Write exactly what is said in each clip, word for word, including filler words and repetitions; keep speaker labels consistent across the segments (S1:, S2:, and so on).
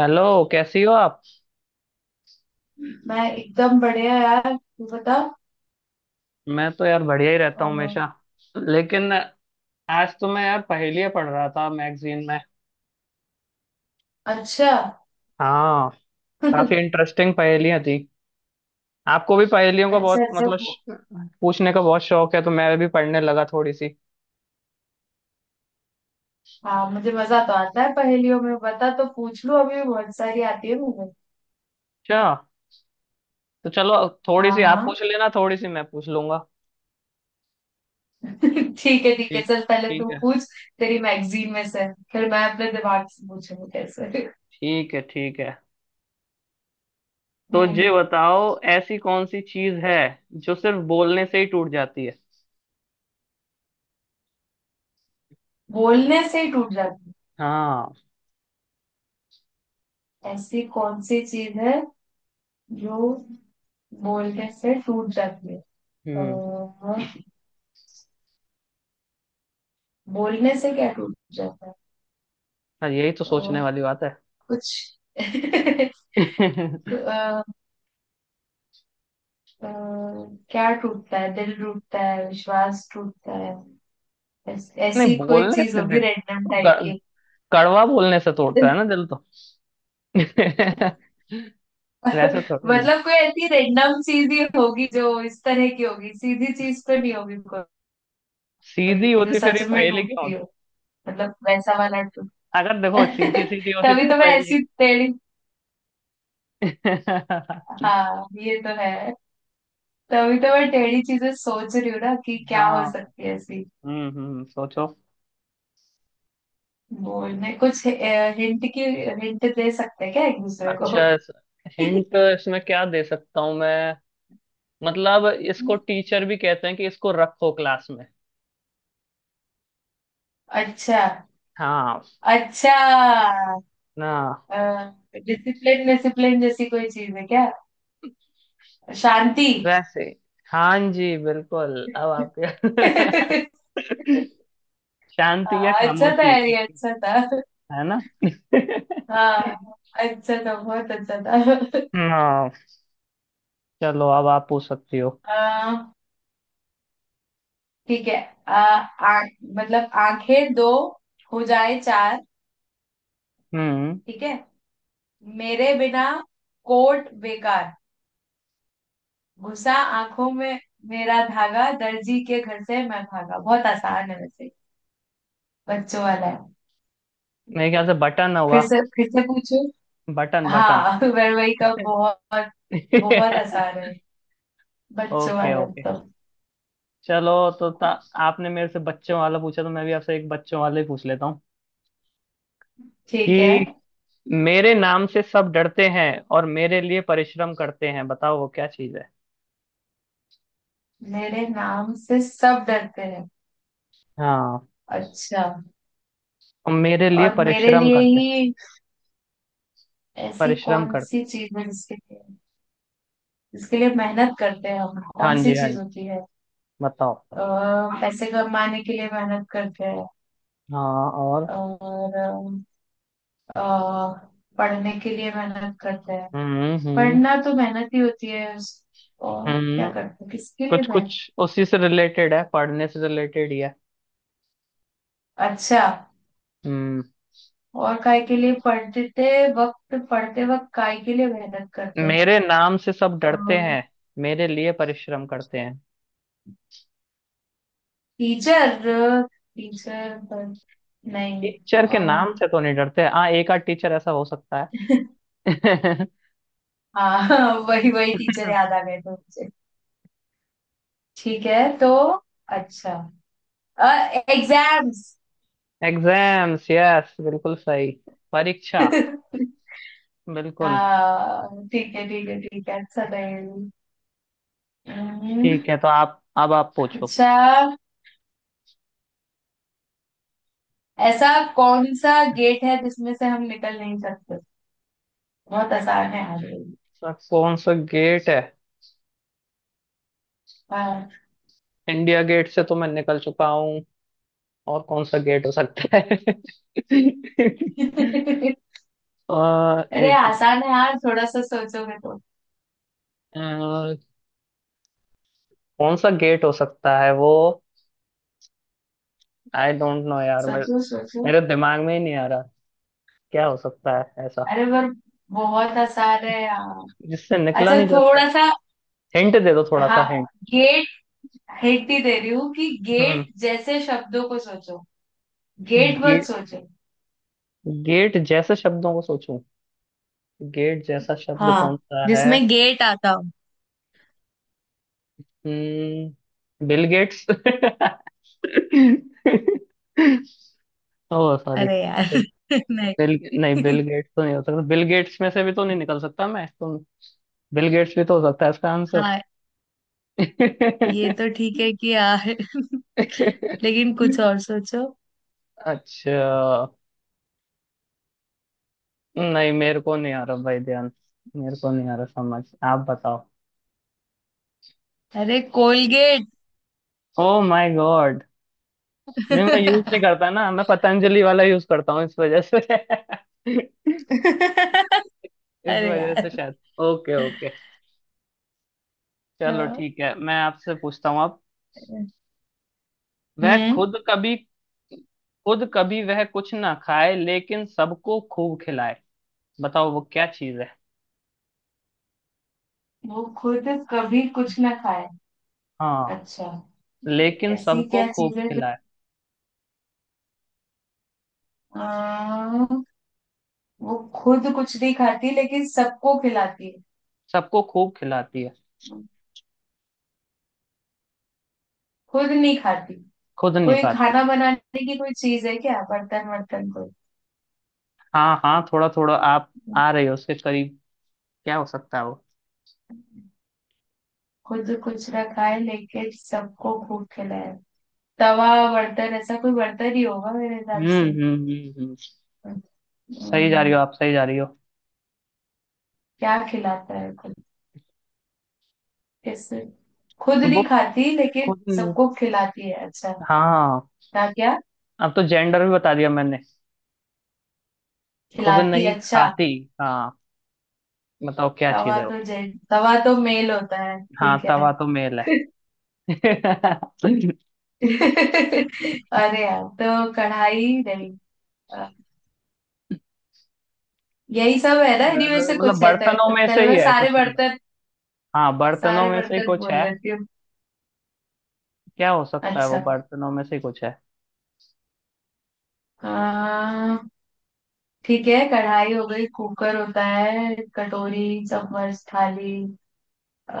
S1: Hello, कैसी हो आप?
S2: मैं एकदम बढ़िया यार। तू बता।
S1: मैं तो यार बढ़िया ही
S2: अ,
S1: रहता हूँ हमेशा। लेकिन आज तो मैं यार पहेलियाँ पढ़ रहा था मैगजीन में।
S2: अच्छा।
S1: हाँ, काफी इंटरेस्टिंग पहेलियाँ थी। आपको भी पहेलियों का
S2: अच्छा
S1: बहुत
S2: अच्छा
S1: मतलब
S2: पू-
S1: श- पूछने का बहुत शौक है, तो मैं भी पढ़ने लगा थोड़ी सी।
S2: हाँ मुझे मजा तो आता है पहेलियों में। बता तो पूछ लूं। अभी बहुत सारी आती है मुझे।
S1: अच्छा, तो चलो थोड़ी
S2: हाँ
S1: सी आप
S2: हाँ।
S1: पूछ लेना, थोड़ी सी मैं पूछ लूंगा।
S2: ठीक है ठीक है।
S1: ठीक।
S2: चल पहले तू
S1: ठीक है
S2: पूछ। तेरी मैगजीन में से। फिर मैं अपने दिमाग से पूछूंगी। कैसे।
S1: ठीक है। ठीक है। तो ये
S2: हम्म।
S1: बताओ, ऐसी कौन सी चीज है जो सिर्फ बोलने से ही टूट जाती है?
S2: बोलने से ही टूट जाती
S1: हाँ।
S2: है ऐसी कौन सी चीज है जो बोलने से टूट जाती है। अ,
S1: हम्म।
S2: बोलने से क्या टूट जाता
S1: हाँ, यही तो सोचने
S2: है
S1: वाली बात है।
S2: कुछ।
S1: नहीं,
S2: अ, अ, क्या टूटता है। दिल टूटता है। विश्वास टूटता है। ऐस- ऐसी कोई
S1: बोलने
S2: चीज
S1: से दिल
S2: होगी रैंडम
S1: तो
S2: टाइप
S1: ग-
S2: की।
S1: कड़वा बोलने से तोड़ता है ना दिल तो। वैसे थोड़ी ना।
S2: मतलब कोई ऐसी रैंडम चीज ही होगी जो इस तरह की होगी। सीधी चीज तो नहीं होगी।
S1: सीधी
S2: कोई जो
S1: होती फिर
S2: सच
S1: ये
S2: में
S1: पहेली क्यों
S2: टूटती
S1: होती?
S2: हो। मतलब वैसा वाला टूट।
S1: अगर देखो सीधी सीधी होती तो
S2: तभी
S1: ये
S2: तो मैं
S1: पहेली नहीं।
S2: ऐसी टेढ़ी। हाँ ये तो है। तभी तो मैं टेढ़ी चीजें सोच रही हूँ ना कि क्या हो
S1: हाँ।
S2: सकती है ऐसी।
S1: हम्म हम्म, सोचो।
S2: बोलने कुछ हिंट की। हिंट दे सकते हैं क्या एक दूसरे
S1: अच्छा,
S2: को।
S1: हिंट इसमें क्या दे सकता हूँ मैं? मतलब इसको टीचर भी कहते हैं कि इसको रखो क्लास में।
S2: अच्छा
S1: हाँ।
S2: अच्छा।
S1: ना।
S2: डिसिप्लिन डिसिप्लिन जैसी कोई चीज है क्या। शांति।
S1: वैसे, हाँ जी बिल्कुल अब
S2: हाँ,
S1: आपके। शांति या
S2: अच्छा था
S1: खामोशी।
S2: यार ये।
S1: एक
S2: अच्छा था।
S1: है ना?
S2: हाँ। अच्छा था बहुत अच्छा था।
S1: हाँ, चलो अब आप पूछ सकती हो।
S2: आ, ठीक है। आ, आ, मतलब आंखें दो हो जाए चार।
S1: हम्म।
S2: ठीक है। मेरे बिना कोट बेकार। घुसा आंखों में मेरा धागा। दर्जी के घर से मैं भागा। बहुत आसान है वैसे। बच्चों वाला है।
S1: मेरे ख्याल से बटन होगा।
S2: फिर से फिर से पूछू।
S1: Button, button.
S2: हाँ। वरवई का बहुत। बहुत आसान है। बच्चों
S1: ओके
S2: वाला
S1: ओके,
S2: तो।
S1: चलो। तो ता, आपने मेरे से बच्चों वाला पूछा तो मैं भी आपसे एक बच्चों वाला ही पूछ लेता हूँ
S2: ठीक है।
S1: कि मेरे नाम से सब डरते हैं और मेरे लिए परिश्रम करते हैं, बताओ वो क्या चीज है?
S2: मेरे नाम से सब डरते हैं।
S1: हाँ।
S2: अच्छा।
S1: और मेरे लिए
S2: और मेरे
S1: परिश्रम
S2: लिए
S1: करते हैं।
S2: ही ऐसी
S1: परिश्रम
S2: कौन
S1: करते
S2: सी चीज है जिसके लिए जिसके लिए मेहनत करते हैं हम।
S1: हैं। हाँ
S2: कौन सी
S1: जी हाँ
S2: चीज
S1: जी,
S2: होती है।
S1: बताओ।
S2: अ, पैसे कमाने के लिए मेहनत करते हैं।
S1: हाँ, और।
S2: और अ, पढ़ने के लिए मेहनत करते हैं।
S1: हम्म हम्म
S2: पढ़ना तो मेहनत ही होती है उस- और क्या
S1: हम्म,
S2: करते हैं किसके लिए
S1: कुछ
S2: मेहनत।
S1: कुछ उसी से रिलेटेड है, पढ़ने से रिलेटेड ही है।
S2: अच्छा।
S1: हम्म।
S2: और काय के लिए पढ़ते वक्त पढ़ते वक्त काय के लिए मेहनत करते हैं।
S1: मेरे नाम से सब डरते हैं, मेरे लिए परिश्रम करते हैं।
S2: टीचर। टीचर पर। नहीं। अ,
S1: टीचर के नाम
S2: हाँ।
S1: से तो नहीं डरते, हाँ एक आध टीचर ऐसा हो सकता है।
S2: वही वही टीचर याद आ गए थे मुझे। ठीक है तो। अच्छा। एग्जाम्स।
S1: एग्जाम्स, यस बिल्कुल सही। परीक्षा। बिल्कुल।
S2: हाँ ठीक है ठीक है ठीक है अच्छा नहीं। हम्म,
S1: ठीक है, तो आप अब आप पूछो।
S2: अच्छा। ऐसा कौन सा गेट है जिसमें से हम निकल नहीं सकते। बहुत आसान है यार ये।
S1: सर, कौन सा गेट है?
S2: हाँ।
S1: इंडिया गेट से तो मैं निकल चुका हूँ, और कौन सा गेट हो सकता है? अ,
S2: अरे
S1: एक
S2: आसान है यार थोड़ा सा सोचोगे तो।
S1: मिनट, कौन सा गेट हो सकता है वो? आई डोंट नो यार, मेरे
S2: सोचो सोचो।
S1: मेरे दिमाग में ही नहीं आ रहा। क्या हो सकता है ऐसा
S2: अरे पर बहुत आसान है यार।
S1: जिससे निकला
S2: अच्छा
S1: नहीं जा
S2: थोड़ा
S1: सकता?
S2: सा।
S1: हिंट दे दो, थोड़ा सा
S2: हाँ।
S1: हिंट।
S2: गेट। हिंट ही दे रही हूँ कि गेट
S1: हम्म।
S2: जैसे शब्दों को सोचो। गेट मत
S1: गेट,
S2: सोचो।
S1: गेट जैसे शब्दों को सोचूं? गेट जैसा शब्द
S2: हाँ।
S1: कौन सा है?
S2: जिसमें गेट आता हो।
S1: हम्म, बिल गेट्स। ओह सॉरी,
S2: अरे
S1: बिल,
S2: यार। नहीं।
S1: बिल नहीं, बिल गेट्स तो नहीं हो सकता, बिल गेट्स में से भी तो नहीं निकल सकता मैं तो। बिल गेट्स भी तो हो सकता है इसका आंसर।
S2: हाँ ये तो ठीक है कि यार। लेकिन कुछ और सोचो।
S1: अच्छा, नहीं मेरे को नहीं आ रहा भाई ध्यान, मेरे को नहीं आ रहा समझ, आप बताओ।
S2: अरे कोलगेट।
S1: ओ माय गॉड, नहीं मैं यूज नहीं करता ना, मैं पतंजलि वाला यूज करता हूँ इस वजह से। इस
S2: अरे
S1: वजह से
S2: यार।
S1: शायद। ओके ओके, चलो
S2: हाँ।
S1: ठीक है, मैं आपसे पूछता हूँ अब। वह
S2: हम्म।
S1: खुद कभी, खुद कभी वह कुछ ना खाए लेकिन सबको खूब खिलाए, बताओ वो क्या चीज है?
S2: वो खुद कभी कुछ ना खाए।
S1: हाँ।
S2: अच्छा।
S1: लेकिन
S2: ऐसी
S1: सबको
S2: क्या
S1: खूब
S2: चीज है जो
S1: खिलाए।
S2: आ, वो खुद कुछ नहीं खाती लेकिन सबको खिलाती है।
S1: सबको खूब खिलाती है।
S2: खुद नहीं खाती।
S1: खुद नहीं
S2: कोई
S1: खाती।
S2: खाना बनाने की कोई चीज है क्या। बर्तन वर्तन कोई।
S1: हाँ हाँ, थोड़ा थोड़ा आप आ रहे हो उसके करीब। क्या हो सकता है वो?
S2: खुद कुछ ना खाए लेकिन सबको भूख खिलाए। तवा बर्तन ऐसा कोई बर्तन ही होगा मेरे हिसाब
S1: हम्म
S2: से।
S1: हम्म हम्म हम्म।
S2: अम्म,
S1: सही जा रही हो आप, सही जा रही हो।
S2: क्या खिलाता है खुद। कैसे। खुद
S1: वो
S2: नहीं खाती लेकिन
S1: खुद नहीं,
S2: सबको खिलाती है। अच्छा।
S1: हाँ
S2: क्या क्या
S1: अब तो जेंडर भी बता दिया मैंने। खुद
S2: खिलाती।
S1: नहीं
S2: अच्छा।
S1: खाती। हाँ, बताओ क्या चीज
S2: तवा
S1: है वो?
S2: तो जेंट तवा तो मेल होता है।
S1: हाँ,
S2: ठीक है।
S1: तवा तो मेल है। मतलब,
S2: अरे यार तो कढ़ाई नहीं। अ, यही सब है ना। इन्हीं में से कुछ है।
S1: बर्तनों
S2: त-
S1: में से
S2: चलो
S1: ही
S2: मैं
S1: है
S2: सारे
S1: कुछ ना कुछ।
S2: बर्तन
S1: हाँ, बर्तनों
S2: सारे
S1: में से ही
S2: बर्तन
S1: कुछ
S2: बोल
S1: है।
S2: लेती हूँ।
S1: क्या हो सकता है वो?
S2: अच्छा।
S1: बर्तनों में से ही कुछ है।
S2: आ, ठीक है। कढ़ाई हो गई। कुकर होता है। कटोरी चम्मच थाली। अ,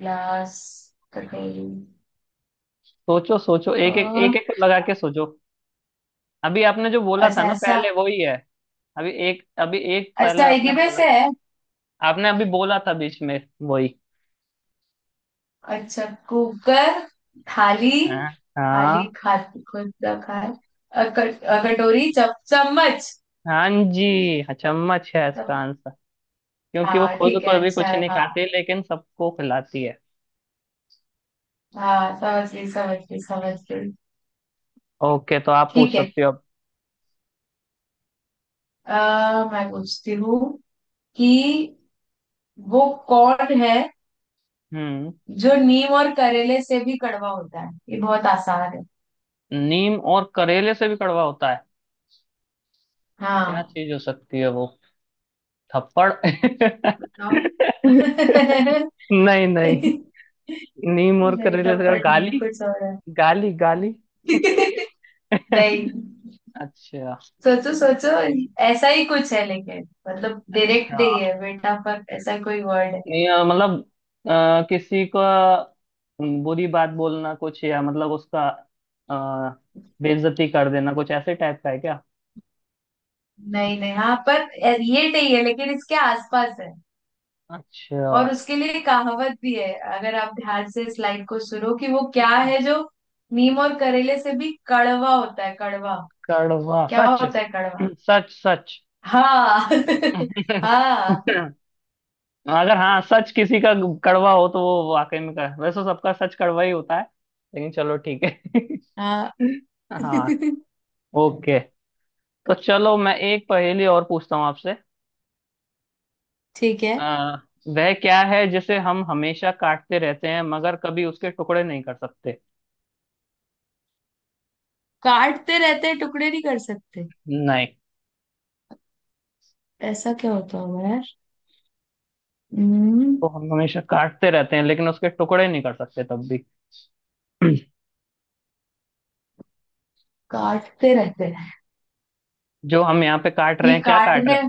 S2: ग्लास। कटोरी।
S1: सोचो सोचो, एक एक
S2: अ,
S1: एक एक को लगा के सोचो। अभी आपने जो बोला था
S2: अच्छा
S1: ना
S2: ऐसा।
S1: पहले, वही है। अभी एक, अभी एक पहले
S2: अच्छा एक
S1: आपने
S2: ही में
S1: बोला,
S2: से है।
S1: आपने अभी बोला था बीच में, वही।
S2: अच्छा। कुकर। थाली।
S1: हाँ।
S2: थाली
S1: हाँ।
S2: खा। खुद का खा। अ, कट- अ, कटोरी चम, चम्मच।
S1: हाँ जी हाँ, चम्मच है इसका
S2: चम-
S1: आंसर। क्योंकि वो
S2: हाँ
S1: खुद
S2: ठीक
S1: को
S2: है
S1: अभी
S2: अच्छा
S1: कुछ
S2: है
S1: नहीं
S2: हाँ।
S1: खाती लेकिन सबको खिलाती है।
S2: हाँ समझ गई समझ गई समझ गई।
S1: ओके, तो आप पूछ
S2: ठीक है।
S1: सकते हो अब।
S2: आ, मैं पूछती हूँ कि वो कौन है
S1: हम्म।
S2: जो नीम और करेले से भी कड़वा होता है। ये बहुत आसान है।
S1: नीम और करेले से भी कड़वा होता है? क्या
S2: हाँ।
S1: चीज हो सकती है वो? थप्पड़।
S2: बताओ।
S1: नहीं नहीं, नीम और
S2: नहीं
S1: करेले से
S2: थप्पड़
S1: कड़-
S2: नहीं है
S1: गाली,
S2: कुछ और है।
S1: गाली गाली।
S2: नहीं।
S1: अच्छा।
S2: सोचो सोचो। ऐसा ही कुछ है लेकिन मतलब डायरेक्ट
S1: अच्छा,
S2: नहीं है बेटा पर ऐसा कोई वर्ड है।
S1: या मतलब, अ, किसी का बुरी बात बोलना कुछ, या मतलब उसका अ, बेइज्जती कर देना, कुछ ऐसे टाइप का है क्या?
S2: नहीं नहीं हाँ पर ये नहीं है लेकिन इसके आसपास है।
S1: अच्छा,
S2: और उसके लिए कहावत भी है। अगर आप ध्यान से इस लाइन को सुनो कि वो क्या है जो नीम और करेले से भी कड़वा होता है। कड़वा
S1: कड़वा
S2: क्या
S1: सच।
S2: होता है कड़वा।
S1: सच सच।
S2: हाँ। हाँ।
S1: अगर हाँ, सच किसी का कड़वा हो तो वो वाकई में कर, वैसे सबका सच कड़वा ही होता है, लेकिन चलो ठीक है।
S2: हाँ।
S1: हाँ। ओके, तो चलो मैं एक पहेली और पूछता हूँ आपसे।
S2: ठीक है।
S1: आ, वह क्या है जिसे हम हमेशा काटते रहते हैं मगर कभी उसके टुकड़े नहीं कर सकते?
S2: काटते रहते हैं टुकड़े नहीं कर सकते।
S1: नहीं,
S2: ऐसा क्या होता होगा यार। हम्म,
S1: तो हम हमेशा काटते रहते हैं लेकिन उसके टुकड़े नहीं कर सकते तब भी।
S2: काटते रहते हैं।
S1: जो हम यहाँ पे काट रहे
S2: ये
S1: हैं, क्या काट रहे
S2: काटने।
S1: हैं?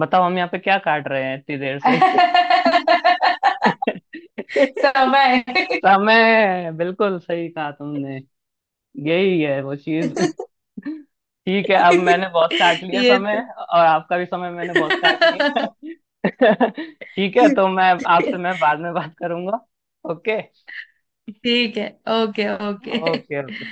S1: बताओ, हम यहाँ पे क्या काट रहे हैं इतनी देर से?
S2: समय।
S1: समय, बिल्कुल सही कहा तुमने, यही है वो चीज। ठीक है, अब मैंने बहुत काट लिया
S2: ये
S1: समय,
S2: तो।
S1: और आपका भी समय मैंने बहुत काट लिया। ठीक है तो मैं आपसे, मैं बाद में बात करूंगा। ओके
S2: ठीक है। Okay okay.
S1: Okay okay.